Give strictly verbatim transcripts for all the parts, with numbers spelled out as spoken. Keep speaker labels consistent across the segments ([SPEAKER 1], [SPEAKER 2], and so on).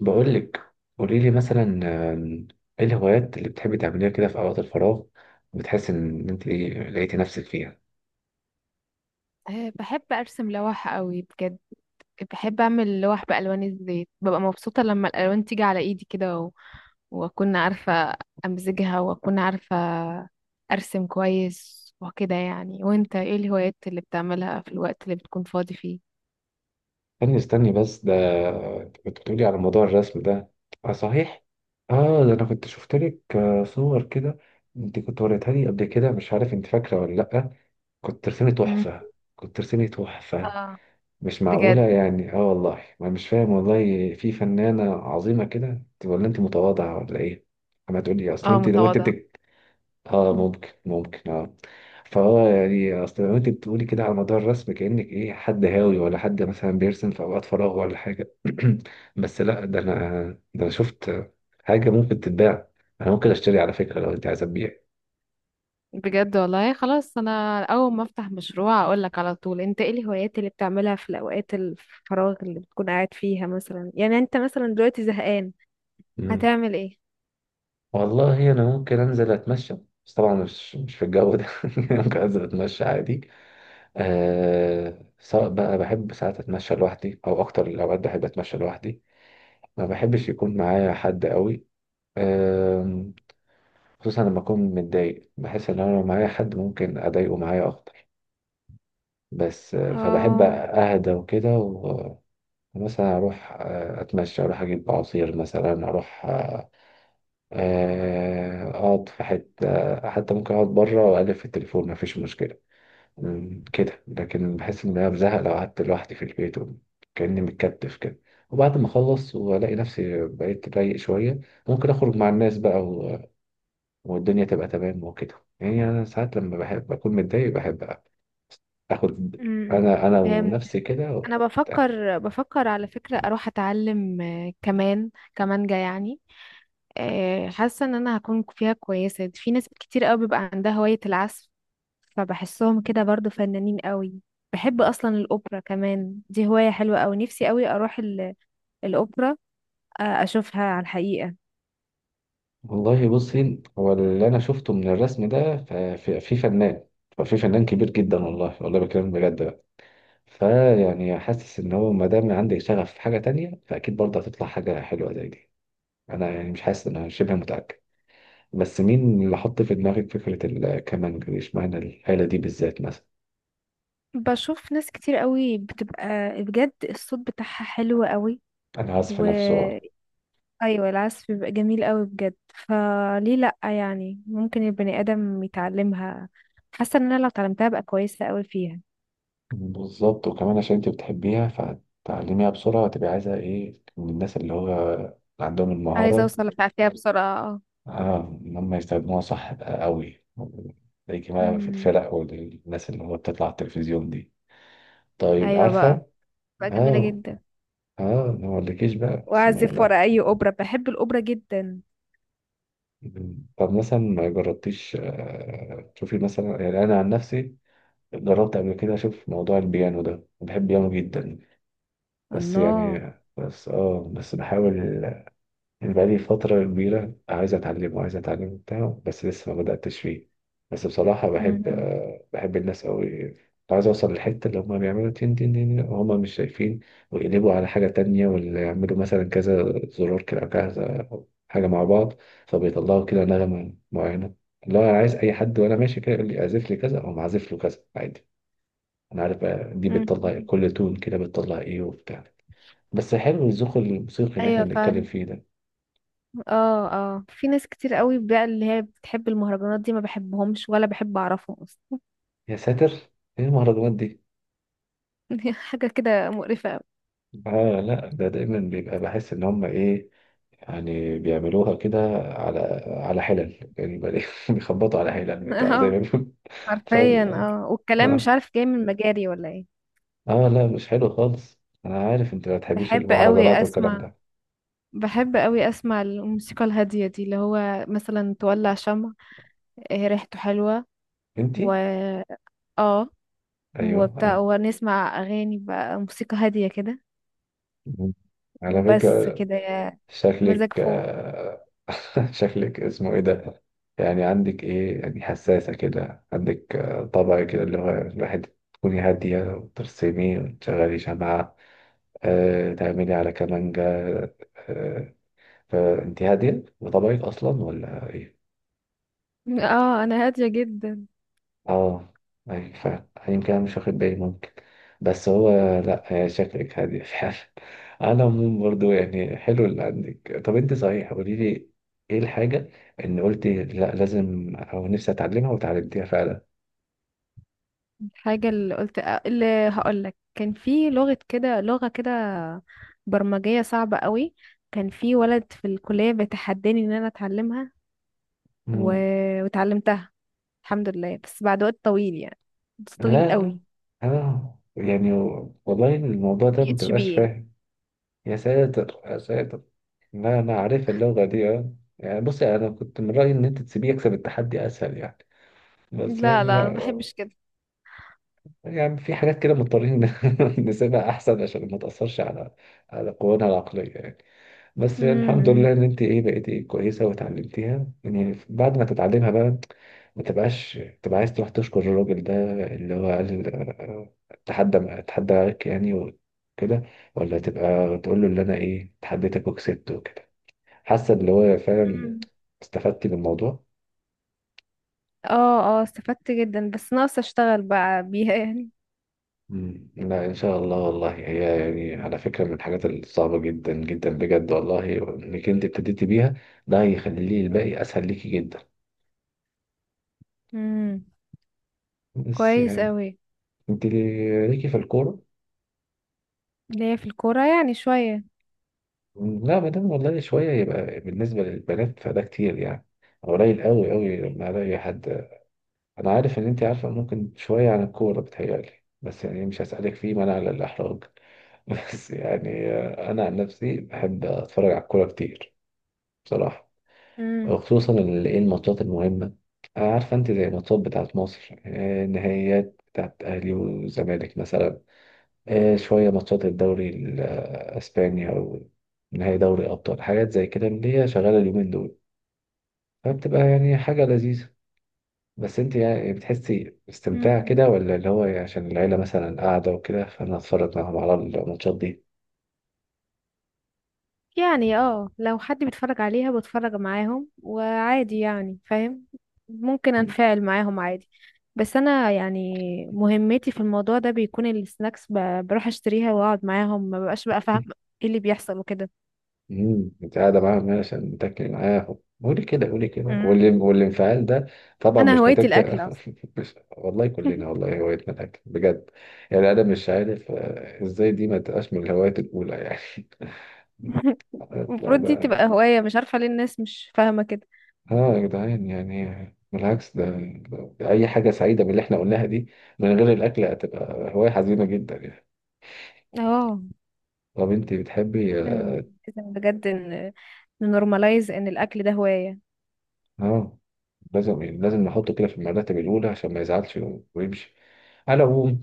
[SPEAKER 1] بقول لك. قولي لي مثلا، آم، ايه الهوايات اللي بتحبي تعمليها كده في اوقات الفراغ وبتحس ان انت لقيتي نفسك فيها؟
[SPEAKER 2] أه بحب ارسم لوح قوي بجد. بحب اعمل لوح بالوان الزيت ببقى مبسوطه لما الالوان تيجي على ايدي كده و... واكون عارفه امزجها، واكون عارفه ارسم كويس وكده يعني. وانت ايه الهوايات اللي بتعملها في الوقت اللي بتكون فاضي فيه؟
[SPEAKER 1] استني استني بس ده كنت بتقولي على موضوع الرسم ده. اه صحيح، اه ده انا كنت شفت لك آه، صور كده. انت كنت وريتها لي قبل كده، مش عارف انت فاكره ولا لا. كنت ترسمي
[SPEAKER 2] مم.
[SPEAKER 1] تحفه، كنت ترسمي تحفه.
[SPEAKER 2] اه،
[SPEAKER 1] مش معقوله
[SPEAKER 2] بجد.
[SPEAKER 1] يعني، اه والله ما مش فاهم، والله في فنانه عظيمه كده ولا انت متواضعه ولا ايه؟ اما تقولي اصل
[SPEAKER 2] اه،
[SPEAKER 1] انت لو انت
[SPEAKER 2] متواضعه.
[SPEAKER 1] بتك- اه، ممكن ممكن اه. فهو يعني اصل لو انت بتقولي كده على موضوع الرسم كأنك ايه، حد هاوي ولا حد مثلا بيرسم في اوقات فراغه ولا حاجة؟ بس لا ده انا، ده انا شفت حاجة ممكن تتباع. انا ممكن اشتري على فكرة لو انت عايزة تبيع.
[SPEAKER 2] بجد والله، خلاص انا اول ما افتح مشروع اقول لك على طول. انت ايه الهوايات اللي بتعملها في الاوقات الفراغ اللي بتكون قاعد فيها مثلا؟ يعني انت مثلا دلوقتي زهقان
[SPEAKER 1] مم.
[SPEAKER 2] هتعمل ايه؟
[SPEAKER 1] والله انا ممكن انزل اتمشى، بس طبعا مش مش في الجو ده ممكن انزل اتمشى عادي. آه سواء بقى، بحب ساعات اتمشى لوحدي او اكتر الاوقات بحب اتمشى لوحدي. ما بحبش يكون معايا حد قوي، خصوصا لما أكون متضايق بحس إن أنا لو معايا حد ممكن أضايقه معايا أكتر. بس آه، فبحب
[SPEAKER 2] اه.
[SPEAKER 1] أهدى وكده و- ومثلا أروح آه، أتمشى، أروح أجيب عصير مثلا، أروح آه، آه، أقعد في حتة، حتى ممكن أقعد بره وأقلب في التليفون، مفيش مشكلة. مم، كده. لكن بحس إن أنا بزهق لو قعدت لوحدي في البيت، كأني متكتف كده. وبعد ما أخلص وألاقي نفسي بقيت رايق شوية، ممكن أخرج مع الناس بقى والدنيا تبقى تمام وكده. يعني انا ساعات لما بحب اكون متضايق، بحب اخد
[SPEAKER 2] امم
[SPEAKER 1] انا انا
[SPEAKER 2] فهمت.
[SPEAKER 1] ونفسي كده
[SPEAKER 2] انا
[SPEAKER 1] وبتاع.
[SPEAKER 2] بفكر بفكر على فكرة اروح اتعلم آه، كمان كمانجا يعني. آه، حاسة ان انا هكون فيها كويسة. في ناس كتير قوي بيبقى عندها هواية العزف، فبحسهم كده برضو فنانين قوي. بحب اصلا الاوبرا كمان، دي هواية حلوة قوي. نفسي قوي اروح ال- الاوبرا، آه، اشوفها على الحقيقة.
[SPEAKER 1] والله بصي، هو اللي انا شفته من الرسم ده ف- ف- في فنان، ففي فنان كبير جدا،
[SPEAKER 2] مم.
[SPEAKER 1] والله والله بكلم بجد بقى. فيعني حاسس ان هو ما دام عندك شغف في حاجه تانية، فاكيد برضه هتطلع حاجه حلوه زي دي. انا يعني مش حاسس، انا شبه متاكد. بس مين اللي حط في دماغك فكره الكمانجا دي؟ اشمعنى الاله دي بالذات مثلا؟
[SPEAKER 2] بشوف ناس كتير قوي بتبقى بجد الصوت بتاعها حلو قوي.
[SPEAKER 1] انا اسف نفسه.
[SPEAKER 2] ايوه، العزف بيبقى جميل قوي بجد. فليه لا يعني، ممكن البني ادم يتعلمها. حاسه ان انا لو اتعلمتها ابقى كويسه قوي فيها.
[SPEAKER 1] بالظبط، وكمان عشان انت بتحبيها فتعلميها بسرعة، وتبقي عايزة ايه من الناس اللي هو عندهم
[SPEAKER 2] عايزه
[SPEAKER 1] المهارة،
[SPEAKER 2] اوصل ابقى فيها بسرعه.
[SPEAKER 1] اه، ان هم يستخدموها صح بقى قوي. زي كمان في
[SPEAKER 2] امم.
[SPEAKER 1] الفرق والناس اللي هو بتطلع على التلفزيون دي. طيب
[SPEAKER 2] ايوه بقى
[SPEAKER 1] عارفة،
[SPEAKER 2] بقى جميله
[SPEAKER 1] اه
[SPEAKER 2] جدا،
[SPEAKER 1] اه ما اقولكيش بقى اسمها
[SPEAKER 2] واعزف
[SPEAKER 1] لا.
[SPEAKER 2] ورا اي اوبرا. بحب الاوبرا جدا.
[SPEAKER 1] طب مثلا ما جربتيش آه، تشوفي مثلا؟ يعني انا عن نفسي جربت قبل كده اشوف موضوع البيانو ده، بحب بيانو جدا. بس
[SPEAKER 2] الله.
[SPEAKER 1] يعني، بس اه، بس بحاول. بقالي فترة كبيرة عايز أتعلم وعايز أتعلم وبتاع، بس لسه ما بدأتش فيه. بس بصراحة بحب
[SPEAKER 2] امم،
[SPEAKER 1] آه، بحب الناس أوي. عايز أوصل للحتة اللي هما بيعملوا تين تين تين وهما مش شايفين، ويقلبوا على حاجة تانية، واللي يعملوا مثلا كذا زرار كده أو كذا حاجة مع بعض، فبيطلعوا كده نغمة معينة. اللي هو أنا عايز أي حد وأنا ماشي كده يقول لي أعزف لي كذا أو معزف له كذا عادي، أنا عارف بقى دي بتطلع إيه،
[SPEAKER 2] امم.
[SPEAKER 1] كل تون كده بتطلع إيه وبتاع. بس حلو الذوق الموسيقي اللي إحنا
[SPEAKER 2] ايوه
[SPEAKER 1] بنتكلم
[SPEAKER 2] فعلا.
[SPEAKER 1] فيه ده.
[SPEAKER 2] اه، اه، في ناس كتير قوي بقى اللي هي بتحب المهرجانات دي، ما بحبهمش ولا بحب اعرفهم اصلا.
[SPEAKER 1] يا ساتر، ايه المهرجانات دي؟
[SPEAKER 2] حاجه كده مقرفه قوي.
[SPEAKER 1] آه لا، ده دايما بيبقى بحس ان هم ايه، يعني بيعملوها كده على على حلل يعني بل- بيخبطوا على حلل بتاع زي
[SPEAKER 2] اه،
[SPEAKER 1] ما بيقولوا. ف...
[SPEAKER 2] حرفيا. اه، والكلام
[SPEAKER 1] آه.
[SPEAKER 2] مش عارف جاي من مجاري ولا ايه.
[SPEAKER 1] اه لا مش حلو خالص. انا عارف انت ما بتحبيش
[SPEAKER 2] بحب قوي
[SPEAKER 1] المهرجانات والكلام
[SPEAKER 2] اسمع
[SPEAKER 1] ده.
[SPEAKER 2] بحب قوي اسمع الموسيقى الهادية دي، اللي هو مثلا تولع شمع. آه، ريحته حلوة، و
[SPEAKER 1] انتي.
[SPEAKER 2] اه
[SPEAKER 1] ايوه
[SPEAKER 2] وبتاع،
[SPEAKER 1] آه.
[SPEAKER 2] ونسمع اغاني بقى موسيقى هادية كده،
[SPEAKER 1] على فكرة،
[SPEAKER 2] وبس كده. يا مزاج
[SPEAKER 1] شكلك
[SPEAKER 2] فوق.
[SPEAKER 1] آه، شكلك اسمه ايه ده؟ يعني عندك ايه، يعني حساسة كده؟ عندك آه، طبع كده اللي هو الواحد تكوني هادية وترسمي وتشغلي شمعة، أه تعملي على كمانجا، أه. فأنت هادية بطبعك أصلا ولا إيه؟
[SPEAKER 2] اه، انا هادية جدا.
[SPEAKER 1] اه، اي فعلا، يمكن انا مش واخد بالي ممكن. بس هو، لا هي شكلك هادي فعلا على العموم برضو يعني حلو اللي عندك. طب انت صحيح قولي لي، ايه الحاجة ان قلتي لا لازم او نفسي اتعلمها وتعلمتيها فعلا؟
[SPEAKER 2] الحاجة اللي قلت آه، اللي هقولك، كان في لغة كده لغة كده برمجية صعبة قوي. كان في ولد في الكلية بيتحداني ان انا اتعلمها، و...
[SPEAKER 1] مم.
[SPEAKER 2] وتعلمتها. الحمد لله، بس بعد وقت طويل يعني، بس
[SPEAKER 1] لا
[SPEAKER 2] طويل
[SPEAKER 1] لا،
[SPEAKER 2] قوي.
[SPEAKER 1] انا يعني، والله الموضوع ده
[SPEAKER 2] بي اتش بي.
[SPEAKER 1] متبقاش فاهم. يا ساتر يا ساتر، لا انا عارف اللغة دي اه. يعني بصي، انا كنت من رأيي ان انت تسيبيه يكسب التحدي اسهل يعني، بس
[SPEAKER 2] لا
[SPEAKER 1] يعني،
[SPEAKER 2] لا، انا ما بحبش كده.
[SPEAKER 1] يعني في حاجات كده مضطرين نسيبها احسن عشان ما تاثرش على على قوانا العقليه يعني. بس الحمد
[SPEAKER 2] امم.
[SPEAKER 1] لله ان انت ايه بقيتي كويسه وتعلمتيها. يعني بعد ما تتعلمها بقى، ما تبقاش تبقى عايز تروح تشكر الراجل ده اللي هو قال آه، تحدى تحدى عليك يعني وكده، ولا تبقى تقول له اللي انا ايه تحديتك وكسبت وكده؟ حاسه اللي هو فعلا
[SPEAKER 2] مم.
[SPEAKER 1] استفدتي من الموضوع.
[SPEAKER 2] اه، اه، استفدت جدا، بس ناقص اشتغل بقى بيها يعني.
[SPEAKER 1] مم. لا ان شاء الله، والله هي يعني على فكره من الحاجات الصعبه جدا جدا بجد، والله انك انت ابتديتي بيها ده هيخلي لي الباقي اسهل ليكي جدا.
[SPEAKER 2] امم،
[SPEAKER 1] بس
[SPEAKER 2] كويس
[SPEAKER 1] يعني،
[SPEAKER 2] قوي.
[SPEAKER 1] انت لي- ليكي في الكوره.
[SPEAKER 2] ليا في الكورة يعني شوية.
[SPEAKER 1] مم، لا ما دام والله شويه يبقى بالنسبه للبنات فده كتير يعني، قليل قوي قوي لما الاقي حد. انا عارف ان انت عارفه ممكن شويه عن الكوره بتهيألي، بس يعني مش هسألك فيه منع على الاحراج بس يعني آه، انا عن نفسي بحب اتفرج على الكوره كتير بصراحه،
[SPEAKER 2] امم.
[SPEAKER 1] خصوصا ال- ايه الماتشات المهمة. آه، عارفة انت زي الماتشات بتاعت مصر، آه، النهائيات بتاعت اهلي وزمالك مثلا، آه، شوية ماتشات الدوري الاسباني او نهائي دوري ابطال، حاجات زي كده اللي هي شغالة اليومين دول، فبتبقى يعني حاجة لذيذة. بس انت يعني بتحسي استمتاع
[SPEAKER 2] مم.
[SPEAKER 1] كده، ولا اللي هو عشان العيلة مثلا قاعدة وكده فانا اتفرج معاهم على الماتشات
[SPEAKER 2] يعني اه لو حد بيتفرج عليها بتفرج معاهم وعادي يعني فاهم، ممكن انفعل معاهم عادي. بس انا يعني مهمتي في الموضوع ده بيكون السناكس، ب- بروح اشتريها واقعد معاهم، ما ببقاش بقى
[SPEAKER 1] دي؟
[SPEAKER 2] فاهم ايه اللي بيحصل وكده.
[SPEAKER 1] امم، انت قاعده معاها هنا عشان تاكلي معاها، قولي كده قولي كده، واللي
[SPEAKER 2] امم
[SPEAKER 1] والانفعال ده طبعا
[SPEAKER 2] انا
[SPEAKER 1] مش
[SPEAKER 2] هوايتي
[SPEAKER 1] نتيجه.
[SPEAKER 2] الاكل اصلا.
[SPEAKER 1] مش والله، كلنا والله هوايتنا الاكل بجد. يعني انا مش عارف آه، ازاي دي ما تبقاش من الهوايات الاولى يعني. لا
[SPEAKER 2] المفروض دي
[SPEAKER 1] لا.
[SPEAKER 2] تبقى هواية، مش عارفة ليه الناس مش فاهمة كده.
[SPEAKER 1] اه يا جدعان يعني، بالعكس ده، ده اي حاجه سعيده من اللي احنا قلناها دي، من غير الاكل هتبقى هوايه حزينه جدا يعني.
[SPEAKER 2] اه،
[SPEAKER 1] طب انت بتحبي اه؟
[SPEAKER 2] لازم، لازم بجد ان نورماليز ان الاكل ده هواية.
[SPEAKER 1] آه، لازم يعني، لازم نحطه كده في المرتب الاولى عشان ما يزعلش ويمشي. على العموم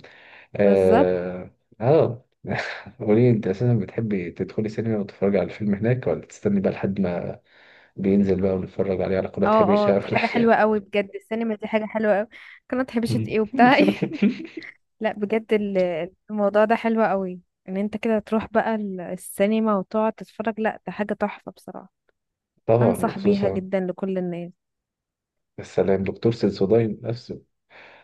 [SPEAKER 2] بالظبط.
[SPEAKER 1] اه. آه. قولي، انت اساسا بتحبي تدخلي سينما وتتفرجي على الفيلم هناك، ولا تستني بقى لحد ما بينزل بقى ونتفرج عليه على قناة
[SPEAKER 2] اه،
[SPEAKER 1] حبيشة
[SPEAKER 2] اه،
[SPEAKER 1] أو
[SPEAKER 2] دي حاجة
[SPEAKER 1] لا؟
[SPEAKER 2] حلوة قوي بجد. السينما دي حاجة حلوة قوي، كانت هبشت ايه وبتاع ايه. لا بجد، ال- الموضوع ده حلو قوي. ان انت كده تروح بقى ال- السينما وتقعد تتفرج، لا ده حاجة تحفة بصراحة.
[SPEAKER 1] طبعا،
[SPEAKER 2] انصح بيها
[SPEAKER 1] وخصوصا
[SPEAKER 2] جدا لكل الناس.
[SPEAKER 1] السلام دكتور سنسوداين نفسه.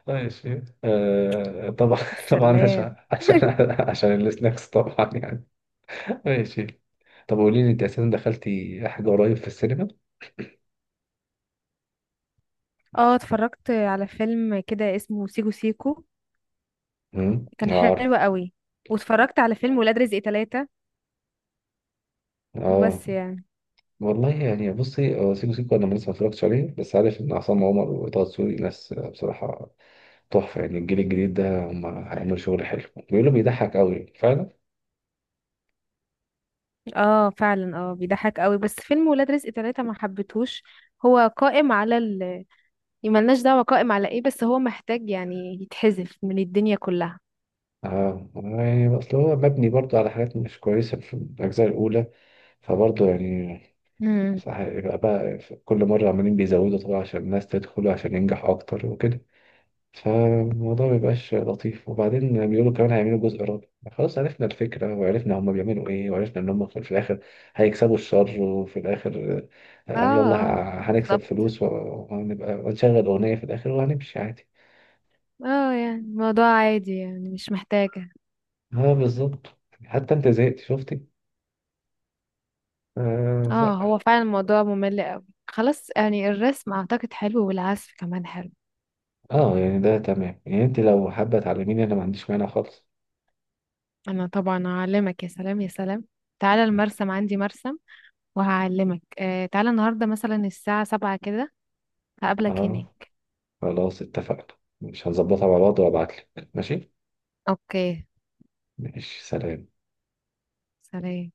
[SPEAKER 1] اه يا شيخ، آه طبعا طبعا
[SPEAKER 2] السلام.
[SPEAKER 1] عشان عشان عشان السناكس طبعا يعني. اه يا شيخ. طب قولي لي انت اساسا دخلتي حاجة قريب في السينما؟
[SPEAKER 2] اه، اتفرجت على فيلم كده اسمه سيكو سيكو،
[SPEAKER 1] امم،
[SPEAKER 2] كان حلو
[SPEAKER 1] عارف.
[SPEAKER 2] قوي. واتفرجت على فيلم ولاد رزق تلاتة.
[SPEAKER 1] اه
[SPEAKER 2] وبس يعني.
[SPEAKER 1] والله يعني بصي، هو سيكو سيكو انا لسه ما اتفرجتش عليه، بس عارف ان عصام عمر وطه دسوقي ناس بصراحه تحفه، يعني الجيل الجديد ده هم هيعملوا شغل حلو. بيقولوا بيضحك قوي فعلا.
[SPEAKER 2] اه فعلا، اه بيضحك قوي. بس فيلم ولاد رزق تلاتة ما حبيتهوش. هو قائم على ال ملناش دعوة، قائم على ايه، بس هو محتاج يعني يتحذف من الدنيا كلها.
[SPEAKER 1] اه آه، يعني اصل هو مبني برضه على حاجات مش كويسه في الاجزاء الاولى، فبرضه يعني
[SPEAKER 2] امم.
[SPEAKER 1] صح، يبقى بقى كل مره عمالين بيزودوا طبعا عشان الناس تدخل وعشان ينجح اكتر وكده، فالموضوع مبيبقاش لطيف. وبعدين بيقولوا كمان هيعملوا جزء رابع، خلاص عرفنا الفكرة، وعرفنا هما بيعملوا ايه، وعرفنا ان هما في الآخر هيكسبوا الشر، وفي الآخر
[SPEAKER 2] اه،
[SPEAKER 1] آه، يلا
[SPEAKER 2] اه،
[SPEAKER 1] ه- هنكسب
[SPEAKER 2] بالظبط.
[SPEAKER 1] فلوس وهنبقى ونشغل أغنية في الآخر وهنمشي عادي.
[SPEAKER 2] اه، يعني الموضوع عادي يعني مش محتاجة.
[SPEAKER 1] اه بالظبط. حتى انت زهقت شفتي. آه
[SPEAKER 2] اه،
[SPEAKER 1] لا.
[SPEAKER 2] هو فعلا الموضوع ممل قوي، خلاص يعني الرسم اعتقد حلو والعزف كمان حلو.
[SPEAKER 1] اه يعني ده تمام يعني، انت لو حابة تعلميني انا ما عنديش مانع خالص.
[SPEAKER 2] انا طبعا هعلمك، يا سلام يا سلام. تعالى المرسم، عندي مرسم، وهعلمك. آه تعالى النهاردة مثلا الساعة سبعة كده، هقابلك
[SPEAKER 1] اه
[SPEAKER 2] هناك.
[SPEAKER 1] خلاص اتفقنا، مش هنظبطها مع بعض وابعتلك ماشي؟
[SPEAKER 2] اوكي،
[SPEAKER 1] ماشي سلام.
[SPEAKER 2] سلام.